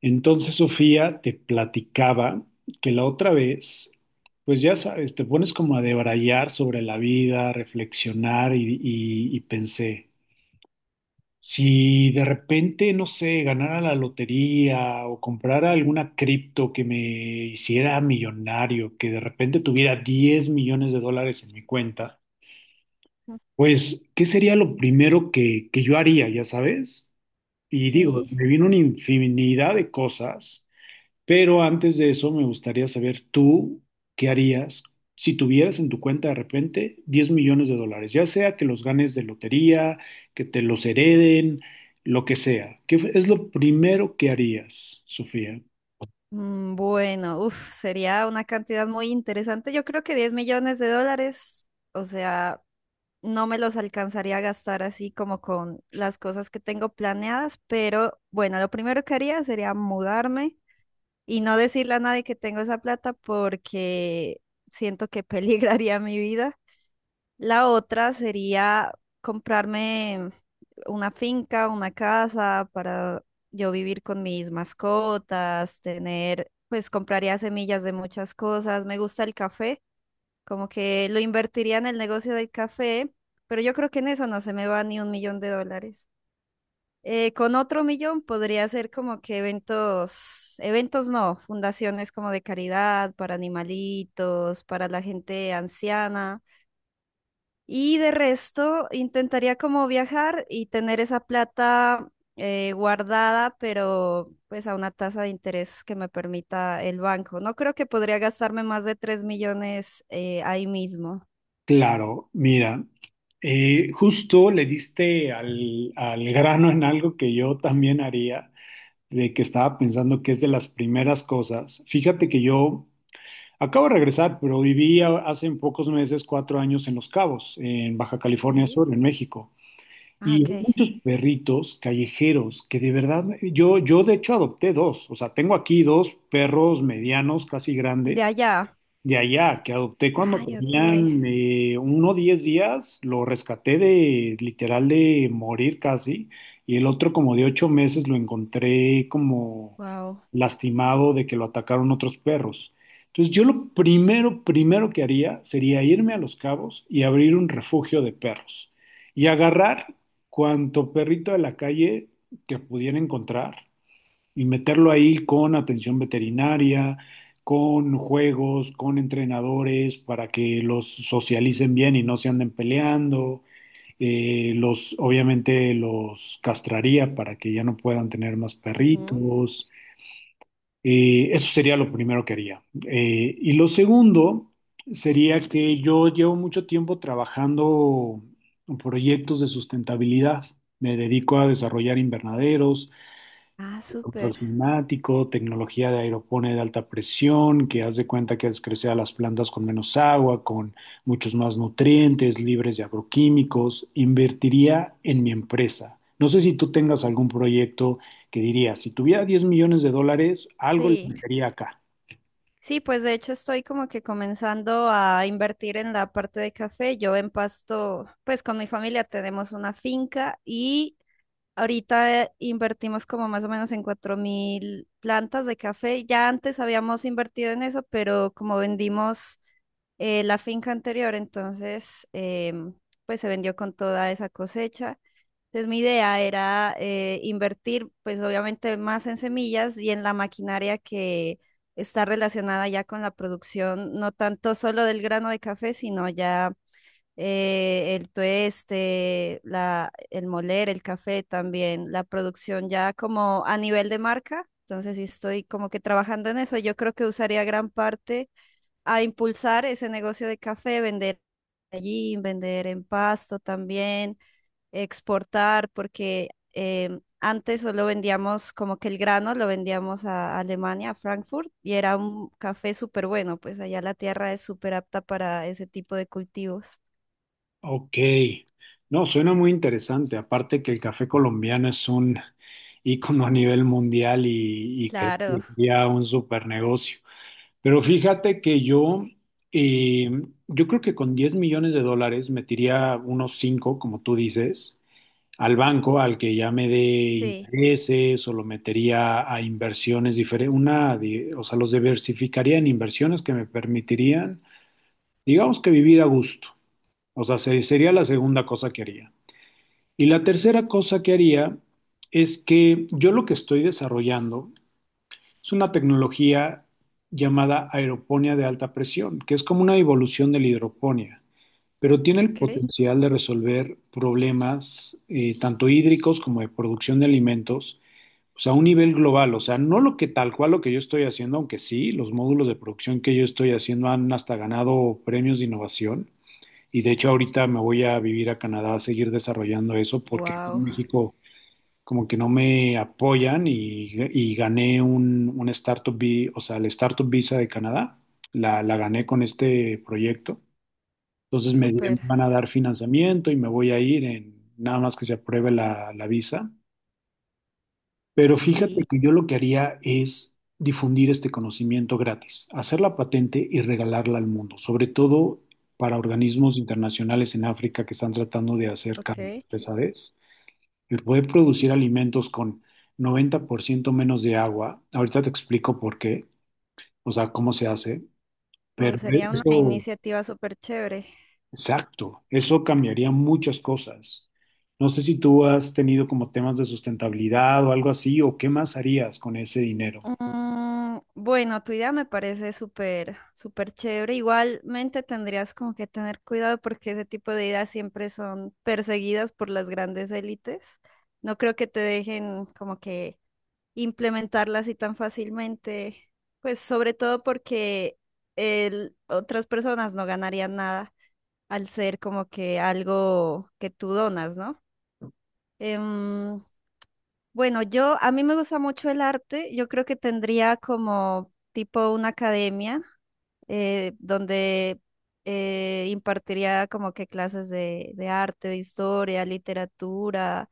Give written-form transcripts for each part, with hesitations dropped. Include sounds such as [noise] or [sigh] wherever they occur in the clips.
Entonces Sofía te platicaba que la otra vez, pues ya sabes, te pones como a debrayar sobre la vida, a reflexionar y pensé, si de repente, no sé, ganara la lotería o comprara alguna cripto que me hiciera millonario, que de repente tuviera 10 millones de dólares en mi cuenta, pues, ¿qué sería lo primero que yo haría, ya sabes? Y digo, Sí. me vino una infinidad de cosas. Pero antes de eso, me gustaría saber tú qué harías si tuvieras en tu cuenta de repente 10 millones de dólares, ya sea que los ganes de lotería, que te los hereden, lo que sea. ¿Qué es lo primero que harías, Sofía? Bueno, uf, sería una cantidad muy interesante. Yo creo que 10 millones de dólares, o sea, no me los alcanzaría a gastar así como con las cosas que tengo planeadas, pero bueno, lo primero que haría sería mudarme y no decirle a nadie que tengo esa plata porque siento que [laughs] peligraría mi vida. La otra sería comprarme una finca, una casa para yo vivir con mis mascotas, tener, pues compraría semillas de muchas cosas. Me gusta el café, como que lo invertiría en el negocio del café, pero yo creo que en eso no se me va ni 1 millón de dólares. Con otro millón podría ser como que eventos, eventos no, fundaciones como de caridad, para animalitos, para la gente anciana. Y de resto, intentaría como viajar y tener esa plata guardada, pero pues a una tasa de interés que me permita el banco. No creo que podría gastarme más de 3 millones ahí mismo. Claro, mira, justo le diste al grano en algo que yo también haría, de que estaba pensando que es de las primeras cosas. Fíjate que yo acabo de regresar, pero hace pocos meses, 4 años, en Los Cabos, en Baja California Sí. Sur, en México. Ah, Y ok. hay muchos perritos callejeros que de verdad, yo de hecho adopté dos. O sea, tengo aquí dos perros medianos, casi De grandes, allá. de allá, que adopté cuando Ay, ok. tenían uno 10 días, lo rescaté de literal de morir casi, y el otro como de 8 meses lo encontré como Wow. lastimado de que lo atacaron otros perros. Entonces yo lo primero, primero que haría sería irme a Los Cabos y abrir un refugio de perros y agarrar cuanto perrito de la calle que pudiera encontrar y meterlo ahí con atención veterinaria, con juegos, con entrenadores para que los socialicen bien y no se anden peleando. Obviamente los castraría para que ya no puedan tener más perritos. Eso sería lo primero que haría. Y lo segundo sería que yo llevo mucho tiempo trabajando en proyectos de sustentabilidad. Me dedico a desarrollar invernaderos, Ah, control súper. climático, tecnología de aeroponía de alta presión, que haz de cuenta que haces crecer a las plantas con menos agua, con muchos más nutrientes, libres de agroquímicos, invertiría en mi empresa. No sé si tú tengas algún proyecto que dirías, si tuviera 10 millones de dólares, algo le Sí. metería acá. Sí, pues de hecho estoy como que comenzando a invertir en la parte de café. Yo empasto, pues con mi familia tenemos una finca y ahorita invertimos como más o menos en 4.000 plantas de café. Ya antes habíamos invertido en eso, pero como vendimos la finca anterior, entonces pues se vendió con toda esa cosecha. Entonces mi idea era invertir pues obviamente más en semillas y en la maquinaria que está relacionada ya con la producción, no tanto solo del grano de café, sino ya el tueste, la, el moler, el café también, la producción ya como a nivel de marca. Entonces, sí estoy como que trabajando en eso. Yo creo que usaría gran parte a impulsar ese negocio de café, vender allí, vender en Pasto también, exportar, porque antes solo vendíamos como que el grano, lo vendíamos a Alemania, a Frankfurt, y era un café súper bueno, pues allá la tierra es súper apta para ese tipo de cultivos. Ok, no, suena muy interesante. Aparte que el café colombiano es un ícono a nivel mundial y creo que Claro. sería un super negocio. Pero fíjate que yo, eh, yo creo que con 10 millones de dólares metiría unos 5 como tú dices, al banco al que ya me dé Sí, intereses o lo metería a inversiones diferentes, o sea, los diversificaría en inversiones que me permitirían, digamos que vivir a gusto. O sea, sería la segunda cosa que haría. Y la tercera cosa que haría es que yo lo que estoy desarrollando es una tecnología llamada aeroponía de alta presión, que es como una evolución de la hidroponía, pero tiene el ok. potencial de resolver problemas tanto hídricos como de producción de alimentos, pues a un nivel global, o sea, no lo que tal cual lo que yo estoy haciendo, aunque sí, los módulos de producción que yo estoy haciendo han hasta ganado premios de innovación. Y de hecho ahorita me voy a vivir a Canadá a seguir desarrollando eso porque aquí en Wow, México como que no me apoyan y gané un Startup Visa, o sea, el Startup Visa de Canadá, la gané con este proyecto. Entonces súper. van a dar financiamiento y me voy a ir en nada más que se apruebe la visa. Pero fíjate Sí, que yo lo que haría es difundir este conocimiento gratis, hacer la patente y regalarla al mundo, sobre todo para organismos internacionales en África que están tratando de hacer cambios, ok. ¿sabes? El poder producir alimentos con 90% menos de agua, ahorita te explico por qué, o sea, cómo se hace, Wow, sería una eso, iniciativa súper chévere. exacto, eso cambiaría muchas cosas. No sé si tú has tenido como temas de sustentabilidad o algo así, o qué más harías con ese dinero. Bueno, tu idea me parece súper, súper chévere. Igualmente tendrías como que tener cuidado porque ese tipo de ideas siempre son perseguidas por las grandes élites. No creo que te dejen como que implementarlas así tan fácilmente. Pues sobre todo porque otras personas no ganarían nada. Al ser como que algo que tú donas, ¿no? Em, bueno, yo, a mí me gusta mucho el arte, yo creo que tendría como tipo una academia donde impartiría como que clases de arte, de historia, literatura,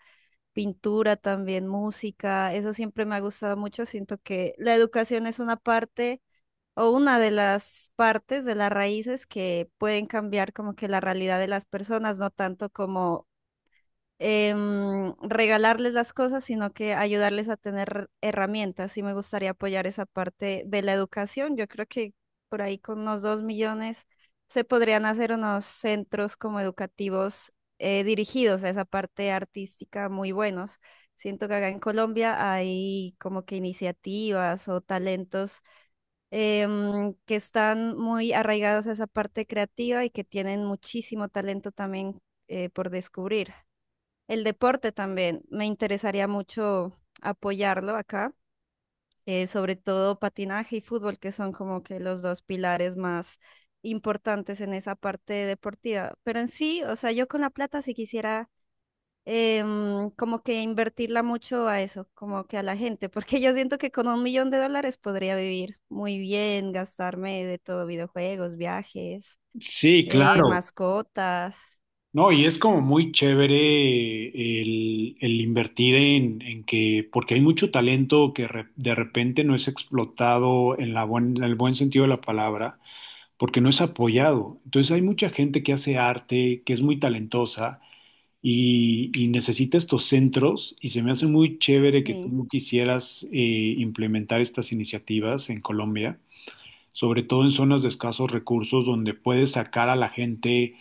pintura también, música, eso siempre me ha gustado mucho, siento que la educación es una parte o una de las partes de las raíces que pueden cambiar como que la realidad de las personas, no tanto como regalarles las cosas, sino que ayudarles a tener herramientas. Y me gustaría apoyar esa parte de la educación. Yo creo que por ahí con unos 2 millones se podrían hacer unos centros como educativos dirigidos a esa parte artística muy buenos. Siento que acá en Colombia hay como que iniciativas o talentos que están muy arraigados a esa parte creativa y que tienen muchísimo talento también por descubrir. El deporte también, me interesaría mucho apoyarlo acá, sobre todo patinaje y fútbol, que son como que los dos pilares más importantes en esa parte deportiva. Pero en sí, o sea, yo con la plata si quisiera como que invertirla mucho a eso, como que a la gente, porque yo siento que con 1 millón de dólares podría vivir muy bien, gastarme de todo, videojuegos, viajes, Sí, claro. mascotas, No, y es como muy chévere el invertir en que, porque hay mucho talento que de repente no es explotado en en el buen sentido de la palabra, porque no es apoyado. Entonces hay mucha gente que hace arte, que es muy talentosa y necesita estos centros y se me hace muy chévere que tú sí, no quisieras implementar estas iniciativas en Colombia, sobre todo en zonas de escasos recursos donde puedes sacar a la gente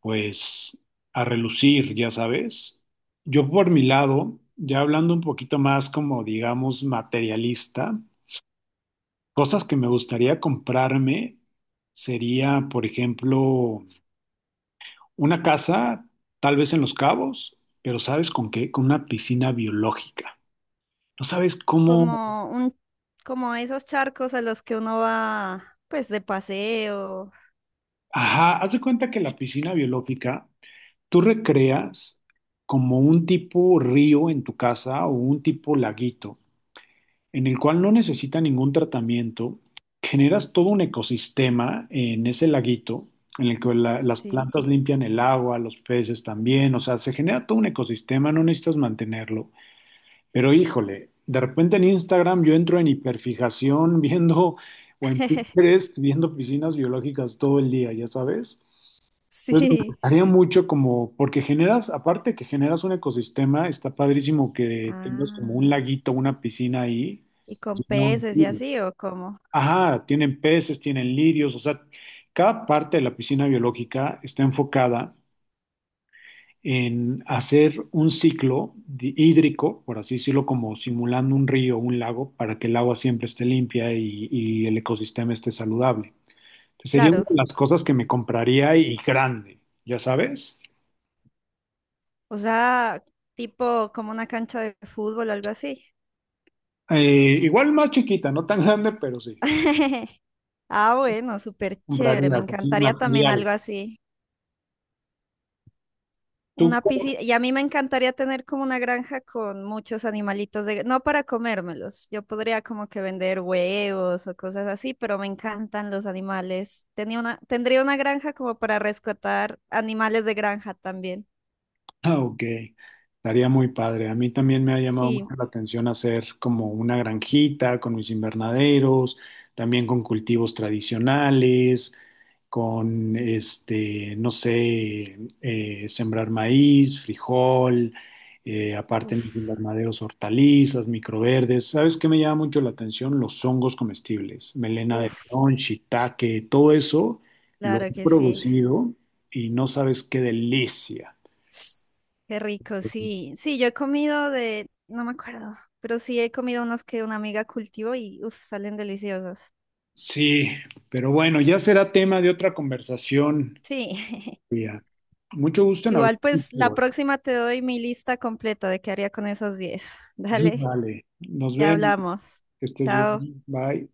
pues a relucir, ya sabes. Yo por mi lado, ya hablando un poquito más como digamos materialista, cosas que me gustaría comprarme sería, por ejemplo, una casa, tal vez en Los Cabos, pero ¿sabes con qué? Con una piscina biológica. No sabes cómo... como un, como esos charcos a los que uno va, pues de paseo, Ajá, haz de cuenta que la piscina biológica tú recreas como un tipo río en tu casa o un tipo laguito, en el cual no necesita ningún tratamiento. Generas todo un ecosistema en ese laguito, en el que las sí, plantas limpian el agua, los peces también, o sea, se genera todo un ecosistema, no necesitas mantenerlo. Pero híjole, de repente en Instagram yo entro en hiperfijación [laughs] viendo o en [laughs] Pinterest viendo piscinas biológicas todo el día, ya sabes. Entonces me sí, gustaría mucho como, porque generas, aparte que generas un ecosistema, está padrísimo que tengas como ah, un laguito, una piscina ahí y con llena de peces y lirios. así, o como, Ajá, tienen peces, tienen lirios, o sea, cada parte de la piscina biológica está enfocada en hacer un ciclo hídrico, por así decirlo, como simulando un río o un lago, para que el agua siempre esté limpia y el ecosistema esté saludable. Entonces, sería una claro, de las cosas que me compraría y grande, ya sabes. o sea, tipo como una cancha de fútbol o algo así. Igual más chiquita, no tan grande, pero sí, [laughs] Ah, bueno, súper chévere. Me compraría pues, sí, encantaría también material. algo así. ¿Tú... Una piscina. Y a mí me encantaría tener como una granja con muchos animalitos de... No para comérmelos. Yo podría como que vender huevos o cosas así, pero me encantan los animales. Tenía una... Tendría una granja como para rescatar animales de granja también. Ah, ok, estaría muy padre. A mí también me ha llamado mucho Sí. la atención hacer como una granjita con mis invernaderos, también con cultivos tradicionales, con este, no sé, sembrar maíz, frijol, aparte en mis Uf. invernaderos hortalizas, microverdes. ¿Sabes qué me llama mucho la atención? Los hongos comestibles, melena de Uf. león, shiitake, todo eso lo Claro he que sí. producido y no sabes qué delicia. Qué rico, sí. Sí, yo he comido de... No me acuerdo. Pero sí he comido unos que una amiga cultivó y uf, salen deliciosos. Sí, pero bueno, ya será tema de otra conversación, Sí, [laughs] Frida. Mucho gusto en hablar igual pues la contigo. próxima te doy mi lista completa de qué haría con esos 10. [laughs] [laughs] Dale, Vale, nos ya vemos. hablamos. Que estés bien. Chao. Bye.